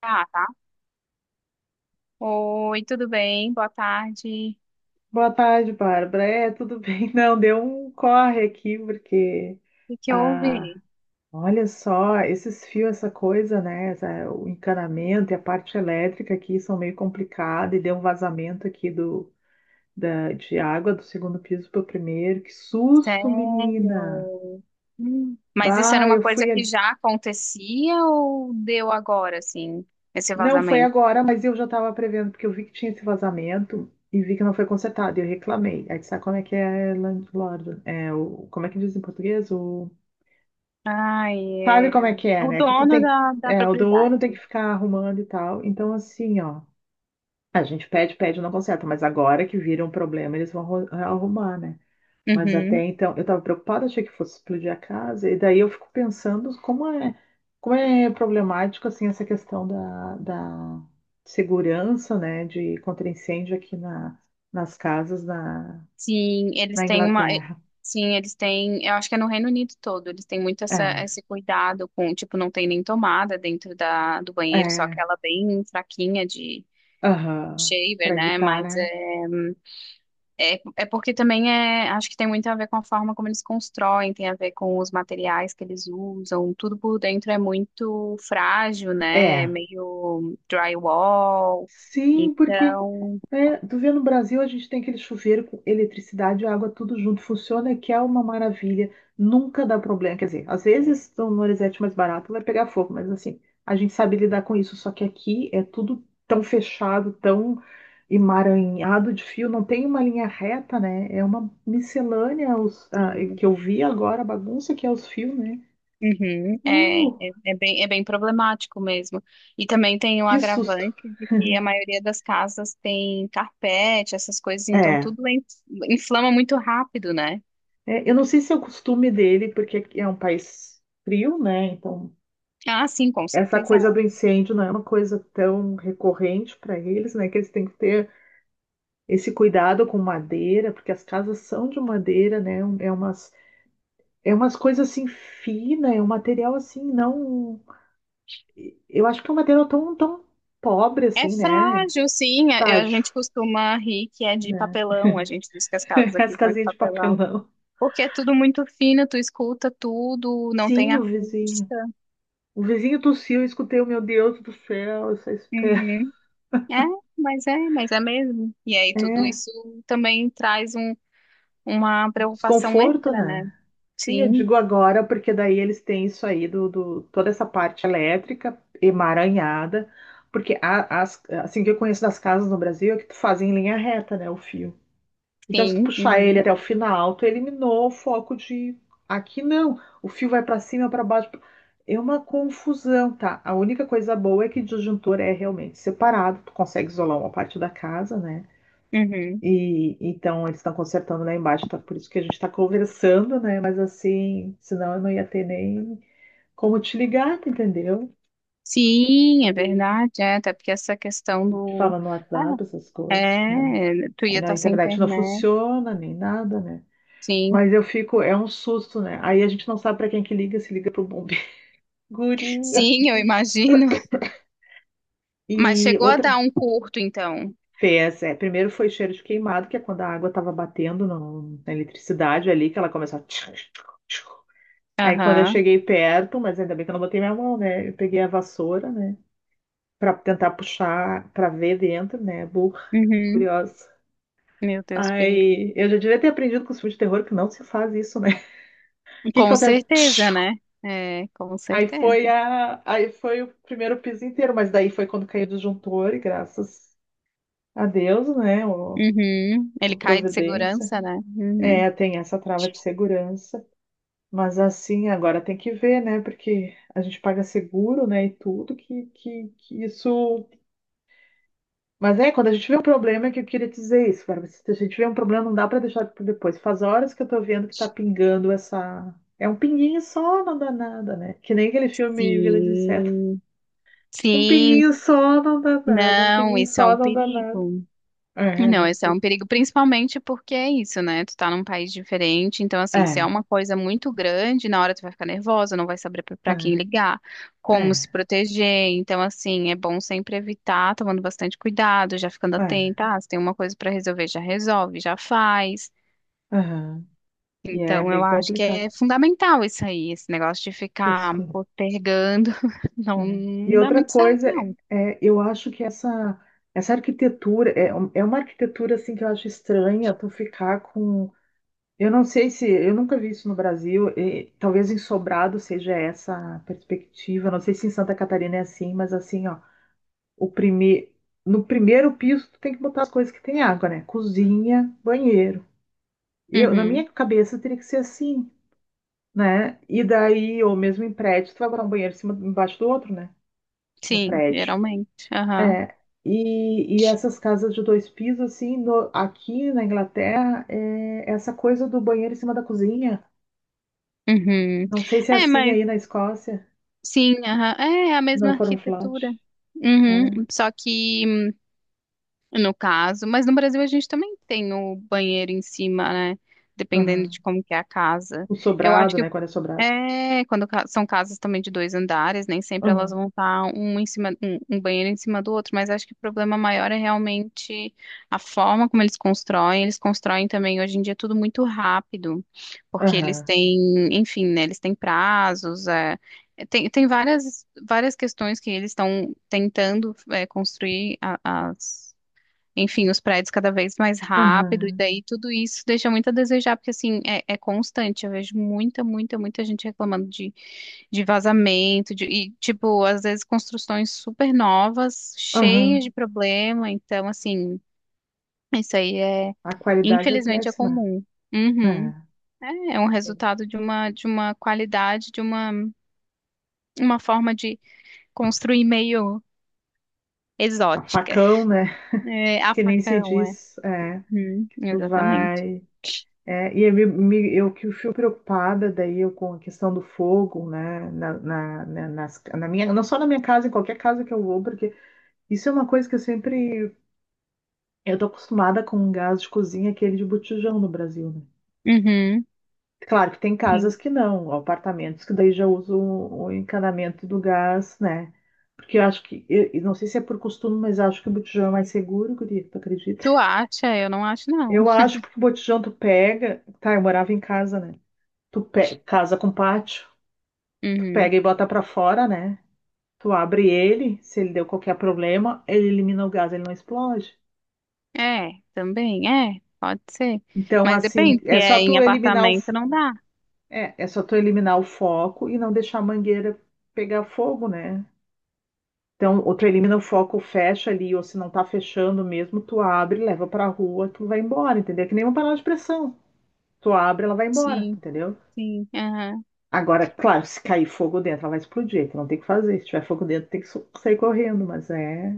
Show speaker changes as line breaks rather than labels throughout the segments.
Ah, tá. Oi, tudo bem? Boa tarde.
Boa tarde, Bárbara. Tudo bem? Não, deu um corre aqui, porque,
O que que
ah,
houve?
olha só, esses fios, essa coisa, né? O encanamento e a parte elétrica aqui são meio complicadas e deu um vazamento aqui de água do segundo piso para o primeiro. Que susto, menina!
Sério? Hum. Mas isso era
Bah,
uma
eu
coisa
fui
que
ali.
já acontecia ou deu agora, assim, esse
Não, foi
vazamento?
agora, mas eu já estava prevendo, porque eu vi que tinha esse vazamento e vi que não foi consertado, e eu reclamei. Aí tu sabe como é que é landlord? Como é que diz em português? O
Ai,
sabe como
é...
é que é,
O
né? Que tu
dono
tem que,
da
é, o dono
propriedade.
tem que ficar arrumando e tal. Então, assim, ó, a gente pede, não conserta, mas agora que vira um problema, eles vão arrumar, né? Mas até
Uhum.
então, eu tava preocupada, achei que fosse explodir a casa, e daí eu fico pensando como é problemático, assim, essa questão da segurança, né, de contra incêndio aqui nas casas
Sim, eles
na
têm uma.
Inglaterra.
Sim, eles têm. Eu acho que é no Reino Unido todo. Eles têm muito essa,
É,
esse cuidado com, tipo, não tem nem tomada dentro da, do banheiro, só
é,
aquela bem fraquinha de
aham,
shaver,
para
né?
evitar,
Mas
né?
é porque também é, acho que tem muito a ver com a forma como eles constroem, tem a ver com os materiais que eles usam, tudo por dentro é muito frágil, né? É
É.
meio drywall.
Sim, porque
Então,
né, tu vê no Brasil a gente tem aquele chuveiro com eletricidade e água tudo junto, funciona, que é uma maravilha, nunca dá problema. Quer dizer, às vezes no Norizete mais barato vai pegar fogo, mas assim, a gente sabe lidar com isso, só que aqui é tudo tão fechado, tão emaranhado de fio, não tem uma linha reta, né? É uma miscelânea os, ah,
sim.
que eu vi agora, a bagunça que é os fios, né?
Uhum,
Uh,
é bem problemático mesmo. E também tem o
que susto!
agravante de que a maioria das casas tem carpete, essas coisas, então
É
inflama muito rápido, né?
É, eu não sei se é o costume dele, porque aqui é um país frio, né? Então,
Ah, sim, com
essa
certeza.
coisa do incêndio não é uma coisa tão recorrente para eles, né? Que eles têm que ter esse cuidado com madeira, porque as casas são de madeira, né? É umas coisas assim finas, é um material assim, não. Eu acho que é um material tão pobre,
É
assim, né?
frágil, sim. A
Frágil,
gente costuma rir que é de
né?
papelão. A gente diz que as casas
As
aqui são de
casinhas de
papelão.
papelão.
Porque é tudo muito fino, tu escuta tudo, não tem
Sim, o vizinho.
acústica.
O vizinho tossiu, eu escutei, meu Deus do céu, essa espera.
Uhum. É, mas é mesmo. E aí tudo
É,
isso também uma preocupação
desconforto,
extra, né?
né? Sim, eu
Sim,
digo agora, porque daí eles têm isso aí toda essa parte elétrica emaranhada, porque assim que eu conheço das casas no Brasil é que tu faz em linha reta, né, o fio. Então, se tu
sim.
puxar ele
Uhum.
até o final, tu eliminou o foco de aqui não, o fio vai para cima, para baixo. É uma confusão, tá? A única coisa boa é que disjuntor é realmente separado, tu consegue isolar uma parte da casa, né?
Uhum.
E então eles estão consertando lá embaixo, tá? Por isso que a gente está conversando, né? Mas assim, senão eu não ia ter nem como te ligar, tu entendeu?
Sim, é verdade. É, até porque essa questão
Te
do.
fala no WhatsApp,
Ah,
essas coisas, né?
é, tu
Aí
ia
na
estar sem
internet não
internet.
funciona, nem nada, né?
Sim,
Mas eu fico, é um susto, né? Aí a gente não sabe para quem que liga, se liga pro bombeiro. Guria.
sim, eu imagino.
E
Mas chegou a
outra
dar um curto, então.
fez, é, primeiro foi cheiro de queimado, que é quando a água estava batendo na eletricidade ali, que ela começou a tchic, tchic, tchic. Aí quando eu
Aham.
cheguei perto, mas ainda bem que eu não botei minha mão, né? Eu peguei a vassoura, né? Pra tentar puxar, pra ver dentro, né? Burra,
Uhum.
curiosa.
Meu Deus, perigo.
Aí eu já devia ter aprendido com os filmes de terror que não se faz isso, né? O que que
Com
acontece?
certeza,
Tchiu!
né? É, com certeza.
Aí foi o primeiro piso inteiro, mas daí foi quando caiu o disjuntor e graças a Deus, né? O,
Uhum.
a
Ele cai de
providência.
segurança, né? Uhum.
É, tem essa trava de segurança. Mas assim, agora tem que ver, né? Porque a gente paga seguro, né? E tudo que isso. Mas é, quando a gente vê um problema, é que eu queria dizer isso, cara. Se a gente vê um problema, não dá pra deixar por depois. Faz horas que eu tô vendo que tá pingando essa. É um pinguinho só, não dá nada, né? Que nem aquele filme Vila de Inseto.
Sim.
Um
Sim.
pinguinho só não dá nada, um
Não,
pinguinho
isso é
só
um
não dá nada.
perigo.
É, a
Não,
gente
esse é
tem.
um perigo, principalmente porque é isso, né? Tu tá num país diferente, então, assim, se é
É,
uma coisa muito grande, na hora tu vai ficar nervosa, não vai saber pra
é,
pra quem ligar, como se
é,
proteger. Então, assim, é bom sempre evitar, tomando bastante cuidado, já ficando
é.
atenta. Ah, se tem uma coisa pra resolver, já resolve, já faz.
Aham. E é
Então,
bem
eu acho que
complicado
é fundamental isso aí, esse negócio de
ter
ficar
isso
postergando. Não,
é. E
não dá
outra
muito certo,
coisa,
não.
é, eu acho que essa arquitetura é, é uma arquitetura assim que eu acho estranha tu ficar com. Eu não sei se eu nunca vi isso no Brasil, e talvez em Sobrado seja essa a perspectiva. Não sei se em Santa Catarina é assim, mas assim, ó, o prime... no primeiro piso tu tem que botar as coisas que tem água, né? Cozinha, banheiro. Eu, na
Uhum.
minha cabeça teria que ser assim, né? E daí, ou mesmo em prédio, tu vai botar um banheiro em cima, embaixo do outro, né? No
Sim,
prédio.
geralmente. Aham.
É, e essas casas de dois pisos, assim, aqui na Inglaterra, é essa coisa do banheiro em cima da cozinha.
Uhum.
Não sei se é
É,
assim
mas.
aí na Escócia,
Sim, aham. É a
não
mesma
foram flat.
arquitetura. Uhum.
É.
Só que, no caso, mas no Brasil a gente também tem o banheiro em cima, né? Dependendo
Aham.
de como que é a casa.
O
Eu acho
sobrado,
que
né? Quando é sobrado.
é, são casas também de dois andares, nem sempre elas
Aham,
vão estar um em cima, um banheiro em cima do outro, mas acho que o problema maior é realmente a forma como eles constroem. Eles constroem também hoje em dia tudo muito rápido, porque eles
aham,
têm, enfim, né, eles têm prazos, tem, tem várias, várias questões que eles estão tentando, é, as enfim, os prédios cada vez mais rápido, e
aham,
daí tudo isso deixa muito a desejar, porque assim, é, é constante, eu vejo muita, muita, muita gente reclamando de vazamento, de, e tipo, às vezes construções super novas, cheias
aham.
de problema, então assim, isso aí é,
A qualidade é
infelizmente é
péssima.
comum. Uhum.
É.
É, é um resultado de uma qualidade, de uma forma de construir meio
A
exótica.
facão, né?
É, a
Que nem se
facão, é.
diz. É.
Uhum,
Tu
exatamente.
vai. É, eu que fui preocupada daí eu com a questão do fogo, né, na minha, não só na minha casa, em qualquer casa que eu vou, porque isso é uma coisa que eu sempre, eu tô acostumada com um gás de cozinha, aquele de botijão no Brasil, né?
Uhum.
Claro que tem
Sim.
casas que não, apartamentos que daí já usam o encanamento do gás, né? Porque eu acho que eu não sei se é por costume, mas acho que o botijão é mais seguro, guria, tu acredita?
Tu acha? Eu não acho, não.
Eu acho porque o botijão tu pega, tá, eu morava em casa, né? Casa com pátio. Tu
Uhum.
pega e bota pra fora, né? Tu abre ele, se ele deu qualquer problema, ele elimina o gás, ele não explode.
É, também, é, pode ser.
Então,
Mas
assim,
depende, se
é só
é em
tu eliminar o,
apartamento, não dá.
é, é só tu eliminar o foco e não deixar a mangueira pegar fogo, né? Então, ou tu elimina o foco, fecha ali, ou se não tá fechando mesmo, tu abre, leva pra rua, tu vai embora, entendeu? É que nem uma panela de pressão. Tu abre, ela vai embora,
Sim,
entendeu?
sim. Aham.
Agora, claro, se cair fogo dentro, ela vai explodir, tu não tem o que fazer. Se tiver fogo dentro, tem que sair correndo, mas é,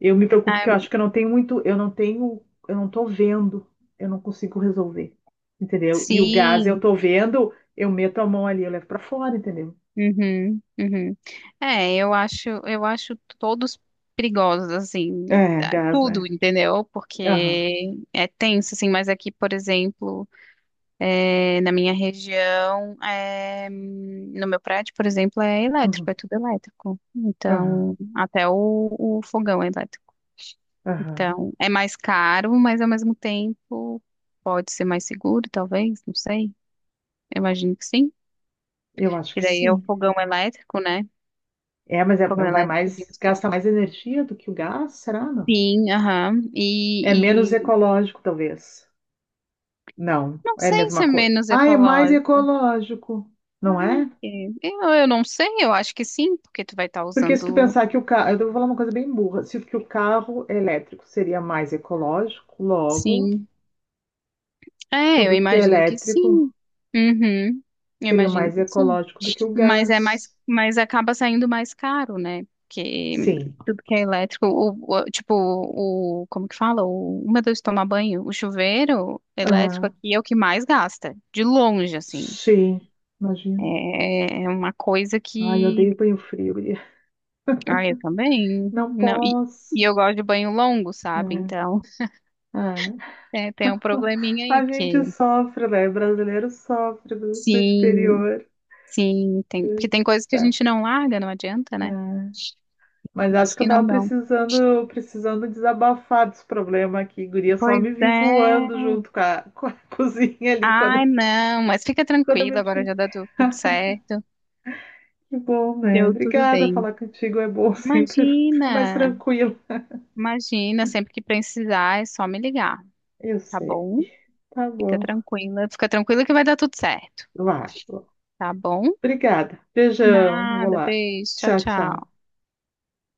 eu me preocupo
Ah,
que eu acho que eu não tenho muito, eu não tenho, eu não tô vendo, eu não consigo resolver, entendeu? E o gás eu
sim.
tô vendo, eu meto a mão ali, eu levo pra fora, entendeu?
Uhum, uhum. É, eu acho todos perigosos, assim,
É,
tá,
gás,
tudo,
né?
entendeu?
Aham,
Porque é tenso, assim, mas aqui, por exemplo. É, na minha região, é, no meu prédio, por exemplo, é elétrico,
uhum,
é tudo elétrico.
aham,
Então, o fogão é elétrico.
aham.
Então, é mais caro, mas ao mesmo tempo pode ser mais seguro, talvez, não sei. Eu imagino que sim.
Eu acho
E
que
daí é o
sim.
fogão elétrico, né?
É, mas
Fogão
vai
elétrico de
mais,
indução.
gasta mais energia do que o gás, será, não?
Sim, aham.
É menos ecológico, talvez. Não,
Não
é a
sei se
mesma
é
coisa.
menos
Ah, é mais
ecológico.
ecológico, não
Ah,
é?
é. Eu não sei, eu acho que sim, porque tu vai estar
Porque se tu
usando,
pensar que o carro, eu vou falar uma coisa bem burra, se que o carro elétrico seria mais ecológico, logo,
sim. É, eu
tudo que é
imagino que
elétrico
sim. Uhum. Eu
seria
imagino
mais
que sim.
ecológico do que o
Mas é mais,
gás.
mas acaba saindo mais caro, né? Porque
Sim.
tudo que é elétrico, tipo, o, como que fala? O meu Deus, tomar banho. O chuveiro elétrico
Aham.
aqui é o que mais gasta. De longe, assim.
Sim. Imagina.
É, é uma coisa
Ai, eu
que.
odeio banho frio, guria.
Ah, eu também.
Não
Não,
posso.
e eu gosto de banho longo, sabe? Então,
É. É.
é, tem um probleminha aí,
A gente
porque.
sofre, né? Brasileiro sofre do
Sim.
exterior.
Sim, tem, porque tem coisas que a gente não larga, não adianta,
É.
né?
Mas acho
Os
que
que
eu
não
tava
dão.
precisando desabafar desse problema aqui, guria. Só
Pois
me vi
é.
voando junto com a cozinha ali
Ai, não, mas fica
quando eu
tranquila, agora
meti.
já deu tudo certo.
Que bom, né?
Deu tudo
Obrigada,
bem.
falar contigo é bom, sempre fico mais
Imagina,
tranquilo.
imagina, sempre que precisar é só me ligar,
Eu
tá
sei.
bom?
Tá bom.
Fica tranquila que vai dar tudo certo,
Vai.
tá bom?
Obrigada. Beijão. Vou
Nada,
lá.
beijo, tchau,
Tchau, tchau.
tchau.